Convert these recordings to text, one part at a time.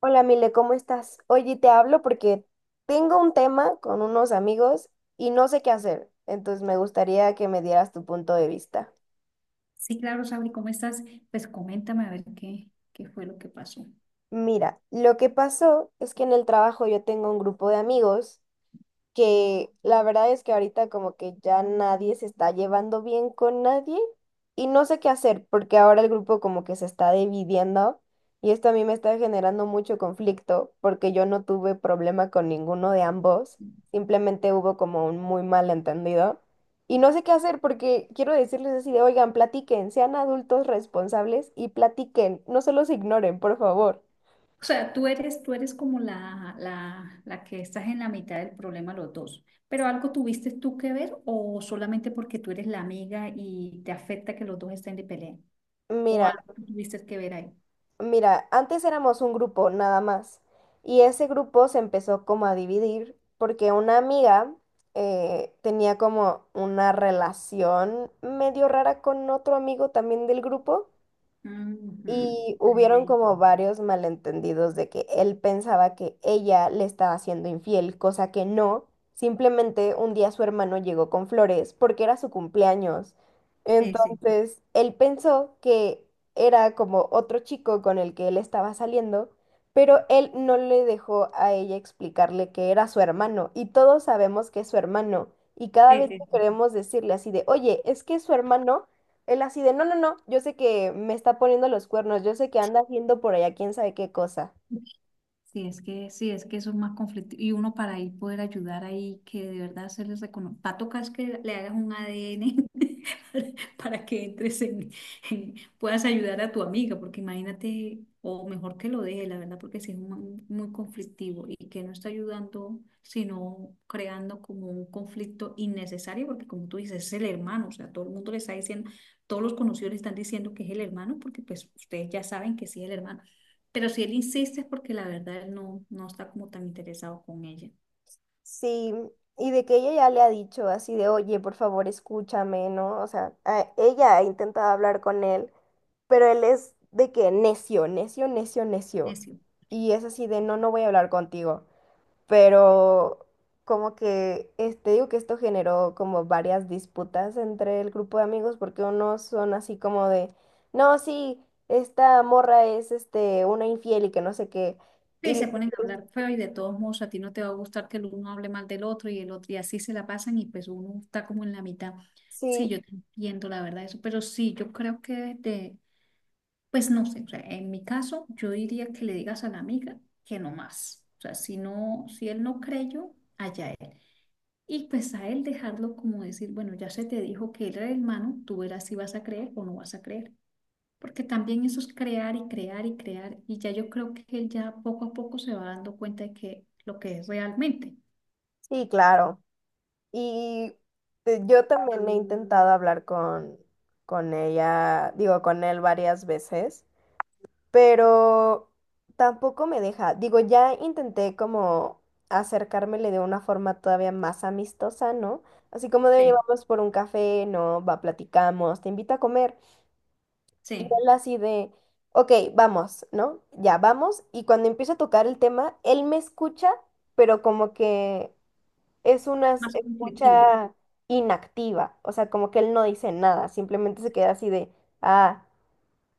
Hola, Mile, ¿cómo estás? Oye, te hablo porque tengo un tema con unos amigos y no sé qué hacer, entonces me gustaría que me dieras tu punto de vista. Sí, claro, Sabri, ¿cómo estás? Pues coméntame a ver qué fue lo que pasó. O Mira, lo que pasó es que en el trabajo yo tengo un grupo de amigos que la verdad es que ahorita como que ya nadie se está llevando bien con nadie y no sé qué hacer porque ahora el grupo como que se está dividiendo y esto a mí me está generando mucho conflicto porque yo no tuve problema con ninguno de ambos, simplemente hubo como un muy mal entendido y no sé qué hacer porque quiero decirles así de, oigan, platiquen, sean adultos responsables y platiquen, no se los ignoren, por favor. sea, tú eres como la que estás en la mitad del problema los dos, pero ¿algo tuviste tú que ver o solamente porque tú eres la amiga y te afecta que los dos estén de pelea? ¿O Mira. algo tú tuviste que ver ahí? Mira, antes éramos un grupo nada más y ese grupo se empezó como a dividir porque una amiga tenía como una relación medio rara con otro amigo también del grupo Ujú. y Ay, hubieron ay. como varios malentendidos de que él pensaba que ella le estaba siendo infiel, cosa que no. Simplemente un día su hermano llegó con flores porque era su cumpleaños. Sí, sí, Entonces, él pensó que era como otro chico con el que él estaba saliendo, pero él no le dejó a ella explicarle que era su hermano. Y todos sabemos que es su hermano. Y cada sí, vez que sí. queremos decirle así de, oye, es que es su hermano, él así de, no, no, no, yo sé que me está poniendo los cuernos, yo sé que anda haciendo por allá quién sabe qué cosa. Sí. Sí, es que eso es más conflictivo. Y uno para ahí poder ayudar ahí, que de verdad se les reconozca. Va a tocar es que le hagas un ADN para que entres en, puedas ayudar a tu amiga, porque imagínate, o mejor que lo deje, la verdad, porque sí es muy muy conflictivo y que no está ayudando, sino creando como un conflicto innecesario, porque como tú dices, es el hermano, o sea, todo el mundo le está diciendo, todos los conocidos le están diciendo que es el hermano, porque pues ustedes ya saben que sí es el hermano, pero si él insiste es porque la verdad él no está como tan interesado con ella. Sí, y de que ella ya le ha dicho así de, oye, por favor, escúchame, ¿no? O sea, ella ha intentado hablar con él, pero él es de que necio, necio, necio, necio. Necio. Y es así de, no, no voy a hablar contigo. Pero como que este digo que esto generó como varias disputas entre el grupo de amigos porque unos son así como de, no, sí, esta morra es una infiel y que no sé qué. Y Sí, los se ponen a otros, hablar feo y de todos modos a ti no te va a gustar que el uno hable mal del otro y el otro y así se la pasan y pues uno está como en la mitad. Sí, sí, yo te entiendo la verdad eso, pero sí, yo creo que de, pues no sé, o sea, en mi caso yo diría que le digas a la amiga que no más. O sea, si no, si él no creyó, allá él. Y pues a él dejarlo como decir, bueno, ya se te dijo que él era el hermano, tú verás si vas a creer o no vas a creer. Porque también eso es crear y crear y crear. Y ya yo creo que él ya poco a poco se va dando cuenta de que lo que es realmente. sí, claro. Y yo también he intentado hablar con ella, digo, con él varias veces. Pero tampoco me deja. Digo, ya intenté como acercármele de una forma todavía más amistosa, ¿no? Así como de Sí, llevamos por un café, ¿no? Va, platicamos, te invito a comer. Y sí, él así de, ok, vamos, ¿no? Ya vamos. Y cuando empiezo a tocar el tema, él me escucha, pero como que es una más conflictivo. escucha inactiva. O sea, como que él no dice nada, simplemente se queda así de, ah,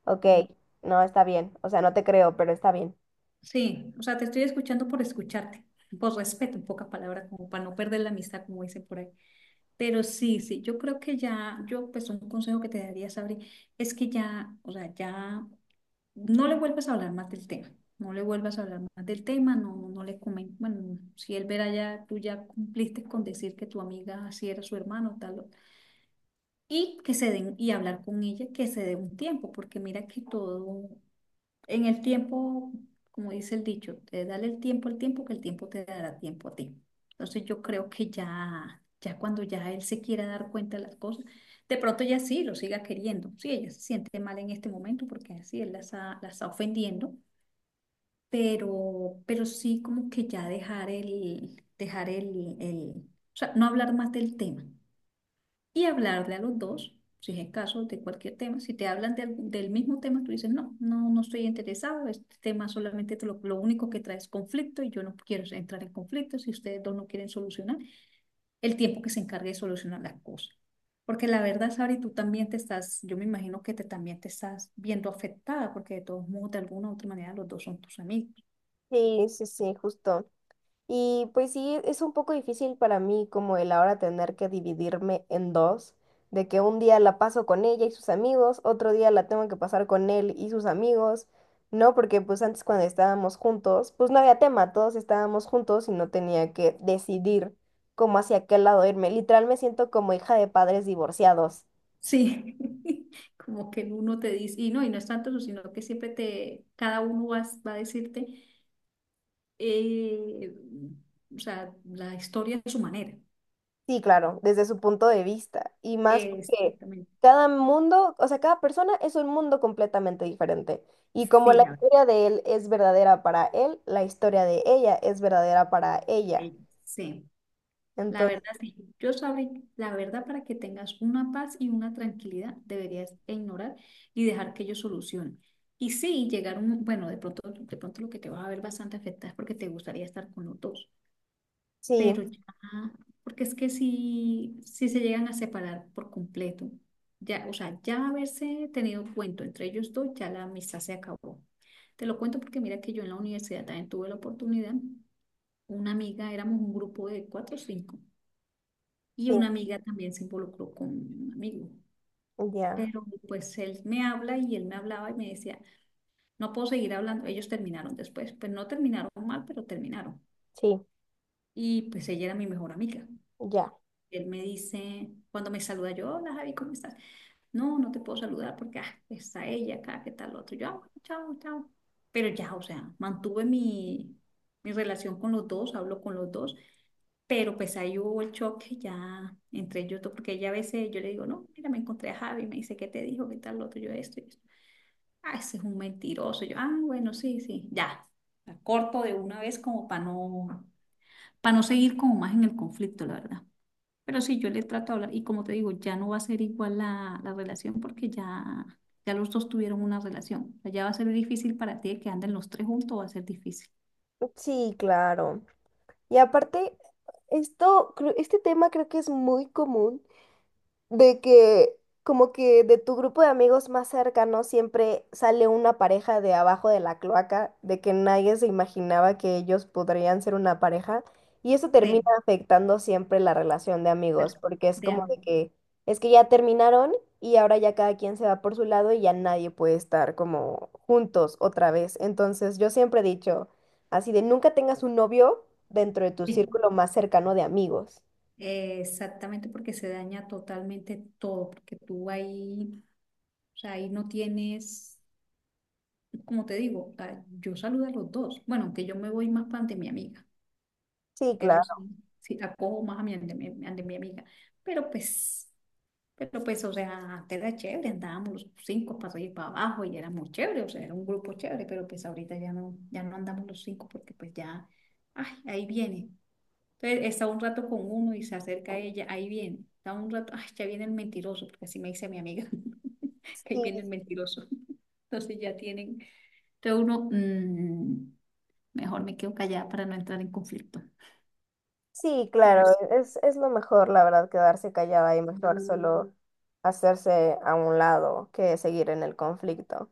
ok, Ujú, no, está bien. O sea, no te creo, pero está bien. sí. O sea, te estoy escuchando por escucharte, por respeto, en pocas palabras, como para no perder la amistad, como dicen por ahí. Pero sí, sí, yo creo que ya, yo pues un consejo que te daría, Sabri, es que ya, o sea, ya no le vuelvas a hablar más del tema, no le vuelvas a hablar más del tema, no, no le comentes, bueno, si él verá ya, tú ya cumpliste con decir que tu amiga así era su hermano, tal, y que se den, y hablar con ella, que se dé un tiempo, porque mira que todo, en el tiempo, como dice el dicho, te dale el tiempo al tiempo, que el tiempo te dará tiempo a ti. Entonces yo creo que ya, ya cuando ya él se quiera dar cuenta de las cosas, de pronto ella sí lo siga queriendo. Sí, ella se siente mal en este momento porque así él la está ofendiendo, pero sí como que ya dejar el, o sea, no hablar más del tema y hablarle a los dos, si es el caso, de cualquier tema. Si te hablan del mismo tema, tú dices, no, no, no estoy interesado, este tema solamente te lo único que trae es conflicto y yo no quiero entrar en conflicto si ustedes dos no quieren solucionar, el tiempo que se encargue de solucionar las cosas. Porque la verdad, Sabri, tú también te estás, yo me imagino que te, también te estás viendo afectada, porque de todos modos, de alguna u otra manera, los dos son tus amigos. Sí, sí, sí, justo. Y pues sí, es un poco difícil para mí como el ahora tener que dividirme en dos, de que un día la paso con ella y sus amigos, otro día la tengo que pasar con él y sus amigos, ¿no? Porque pues antes cuando estábamos juntos, pues no había tema, todos estábamos juntos y no tenía que decidir cómo hacia qué lado irme. Literal me siento como hija de padres divorciados. Sí, como que uno te dice, y no es tanto eso, sino que siempre te, cada uno va, va a decirte, eh, o sea, la historia de su manera. Sí, claro, desde su punto de vista. Y más porque Exactamente. cada mundo, o sea, cada persona es un mundo completamente diferente. Y como Sí, la la verdad. historia de él es verdadera para él, la historia de ella es verdadera para ella. eh, Sí, la verdad, Entonces, sí. Yo sabré, la verdad, para que tengas una paz y una tranquilidad, deberías ignorar y dejar que ellos solucionen. Y sí, llegar un, bueno, de pronto lo que te vas a ver bastante afectado es porque te gustaría estar con los dos. sí, Pero ya, porque es que si, si se llegan a separar por completo, ya, o sea, ya haberse tenido un cuento entre ellos dos, ya la amistad se acabó. Te lo cuento porque mira que yo en la universidad también tuve la oportunidad, una amiga, éramos un grupo de cuatro o cinco, y sí, una amiga también se involucró con un amigo. ya, Pero pues él me habla y él me hablaba y me decía, no puedo seguir hablando. Ellos terminaron después, pues no terminaron mal, pero terminaron. sí, Y pues ella era mi mejor amiga. ya. Él me dice, cuando me saluda yo, hola Javi, ¿cómo estás? No, no te puedo saludar porque ah, está ella acá, ¿qué tal otro? Yo, ah, bueno, chao, chao. Pero ya, o sea, mi relación con los dos, hablo con los dos, pero pues ahí hubo el choque ya entre ellos dos, porque ella a veces yo le digo, no, mira, me encontré a Javi, me dice, ¿qué te dijo? ¿Qué tal otro? Yo esto y esto. Ah, ese es un mentiroso. Yo, ah, bueno, sí, sí, ya. La corto de una vez como para no seguir como más en el conflicto, la verdad. Pero sí, yo le trato de hablar y como te digo, ya no va a ser igual la relación porque ya, ya los dos tuvieron una relación. O sea, ya va a ser difícil para ti que anden los tres juntos, va a ser difícil. Sí, claro. Y aparte, este tema creo que es muy común de que como que de tu grupo de amigos más cercano siempre sale una pareja de abajo de la cloaca, de que nadie se imaginaba que ellos podrían ser una pareja, y eso termina Sí, afectando siempre la relación de de amigos, porque es de como de ambos. que es que ya terminaron y ahora ya cada quien se va por su lado y ya nadie puede estar como juntos otra vez. Entonces, yo siempre he dicho así de nunca tengas un novio dentro de tu Sí. círculo más cercano de amigos. Exactamente, porque se daña totalmente todo, porque tú ahí, o sea, ahí no tienes, como te digo, o sea, yo saludo a los dos. Bueno, aunque yo me voy más para ante mi amiga. Sí, Que eso claro. sí, sí la cojo más a mi, ante mi amiga. Pero pues, pero pues, o sea, antes era chévere, andábamos los cinco para arriba para abajo y éramos chévere, o sea, era un grupo chévere, pero pues ahorita ya no, ya no andamos los cinco porque pues ya, ay, ahí viene. Entonces está un rato con uno y se acerca a ella, ahí viene. Está un rato, ay, ya viene el mentiroso, porque así me dice mi amiga, que ahí viene el Sí, mentiroso. Entonces ya tienen, entonces uno, mejor me quedo callada para no entrar en conflicto. sí, Pero claro, es lo mejor, la verdad, quedarse callada y mejor solo hacerse a un lado que seguir en el conflicto.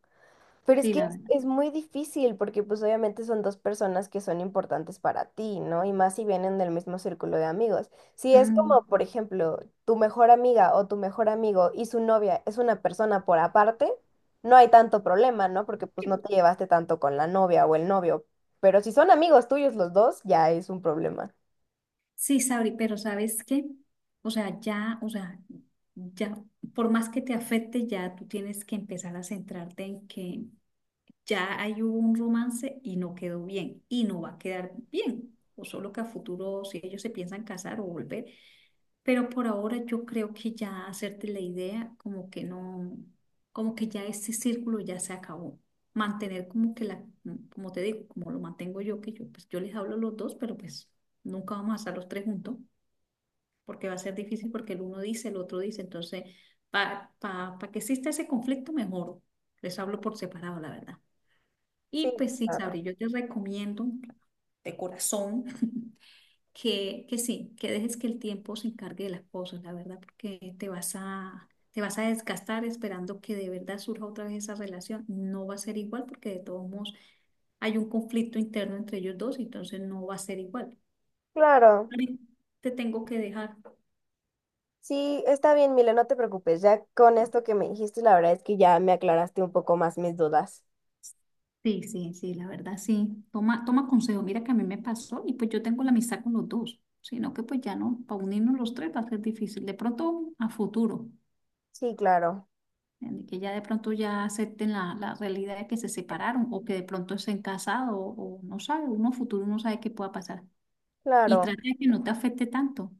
Pero sí, la verdad. es muy difícil porque pues obviamente son dos personas que son importantes para ti, ¿no? Y más si vienen del mismo círculo de amigos. Si es Mm, como, por ejemplo, tu mejor amiga o tu mejor amigo y su novia es una persona por aparte, no hay tanto problema, ¿no? Porque pues no te llevaste tanto con la novia o el novio. Pero si son amigos tuyos los dos, ya es un problema. Sí, Sabri, pero ¿sabes qué? O sea, ya, por más que te afecte, ya tú tienes que empezar a centrarte en que ya hay un romance y no quedó bien y no va a quedar bien, o solo que a futuro si ellos se piensan casar o volver, pero por ahora yo creo que ya hacerte la idea como que no, como que ya ese círculo ya se acabó. Mantener como que la, como te digo, como lo mantengo yo, que yo pues yo les hablo a los dos, pero pues nunca vamos a estar los tres juntos, porque va a ser difícil porque el uno dice, el otro dice, entonces para pa, pa pa que exista ese conflicto mejor, les hablo por separado, la verdad. Sí, Y pues sí, Sabri, yo te recomiendo de corazón que sí, que dejes que el tiempo se encargue de las cosas, la verdad, porque te vas a desgastar esperando que de verdad surja otra vez esa relación. No va a ser igual porque de todos modos hay un conflicto interno entre ellos dos, entonces no va a ser igual. claro, Ari, te tengo que dejar. sí, está bien, Mile, no te preocupes. Ya con esto que me dijiste, la verdad es que ya me aclaraste un poco más mis dudas. Sí, sí, sí, la verdad sí. Toma, toma consejo, mira que a mí me pasó y pues yo tengo la amistad con los dos, sino que pues ya no, para unirnos los tres va a ser difícil, de pronto a futuro, Sí, claro, ¿entiendes? Que ya de pronto ya acepten la realidad de que se separaron o que de pronto estén casados o no sabe, uno futuro no sabe qué pueda pasar. Y claro. trata de que no te afecte tanto,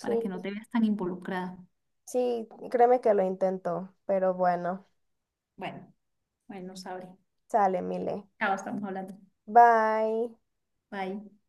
para que no te veas tan involucrada. sí, créeme que lo intento, pero bueno, Bueno, bueno, sabré. sale, Mile. Chao, estamos hablando. Bye. Bye.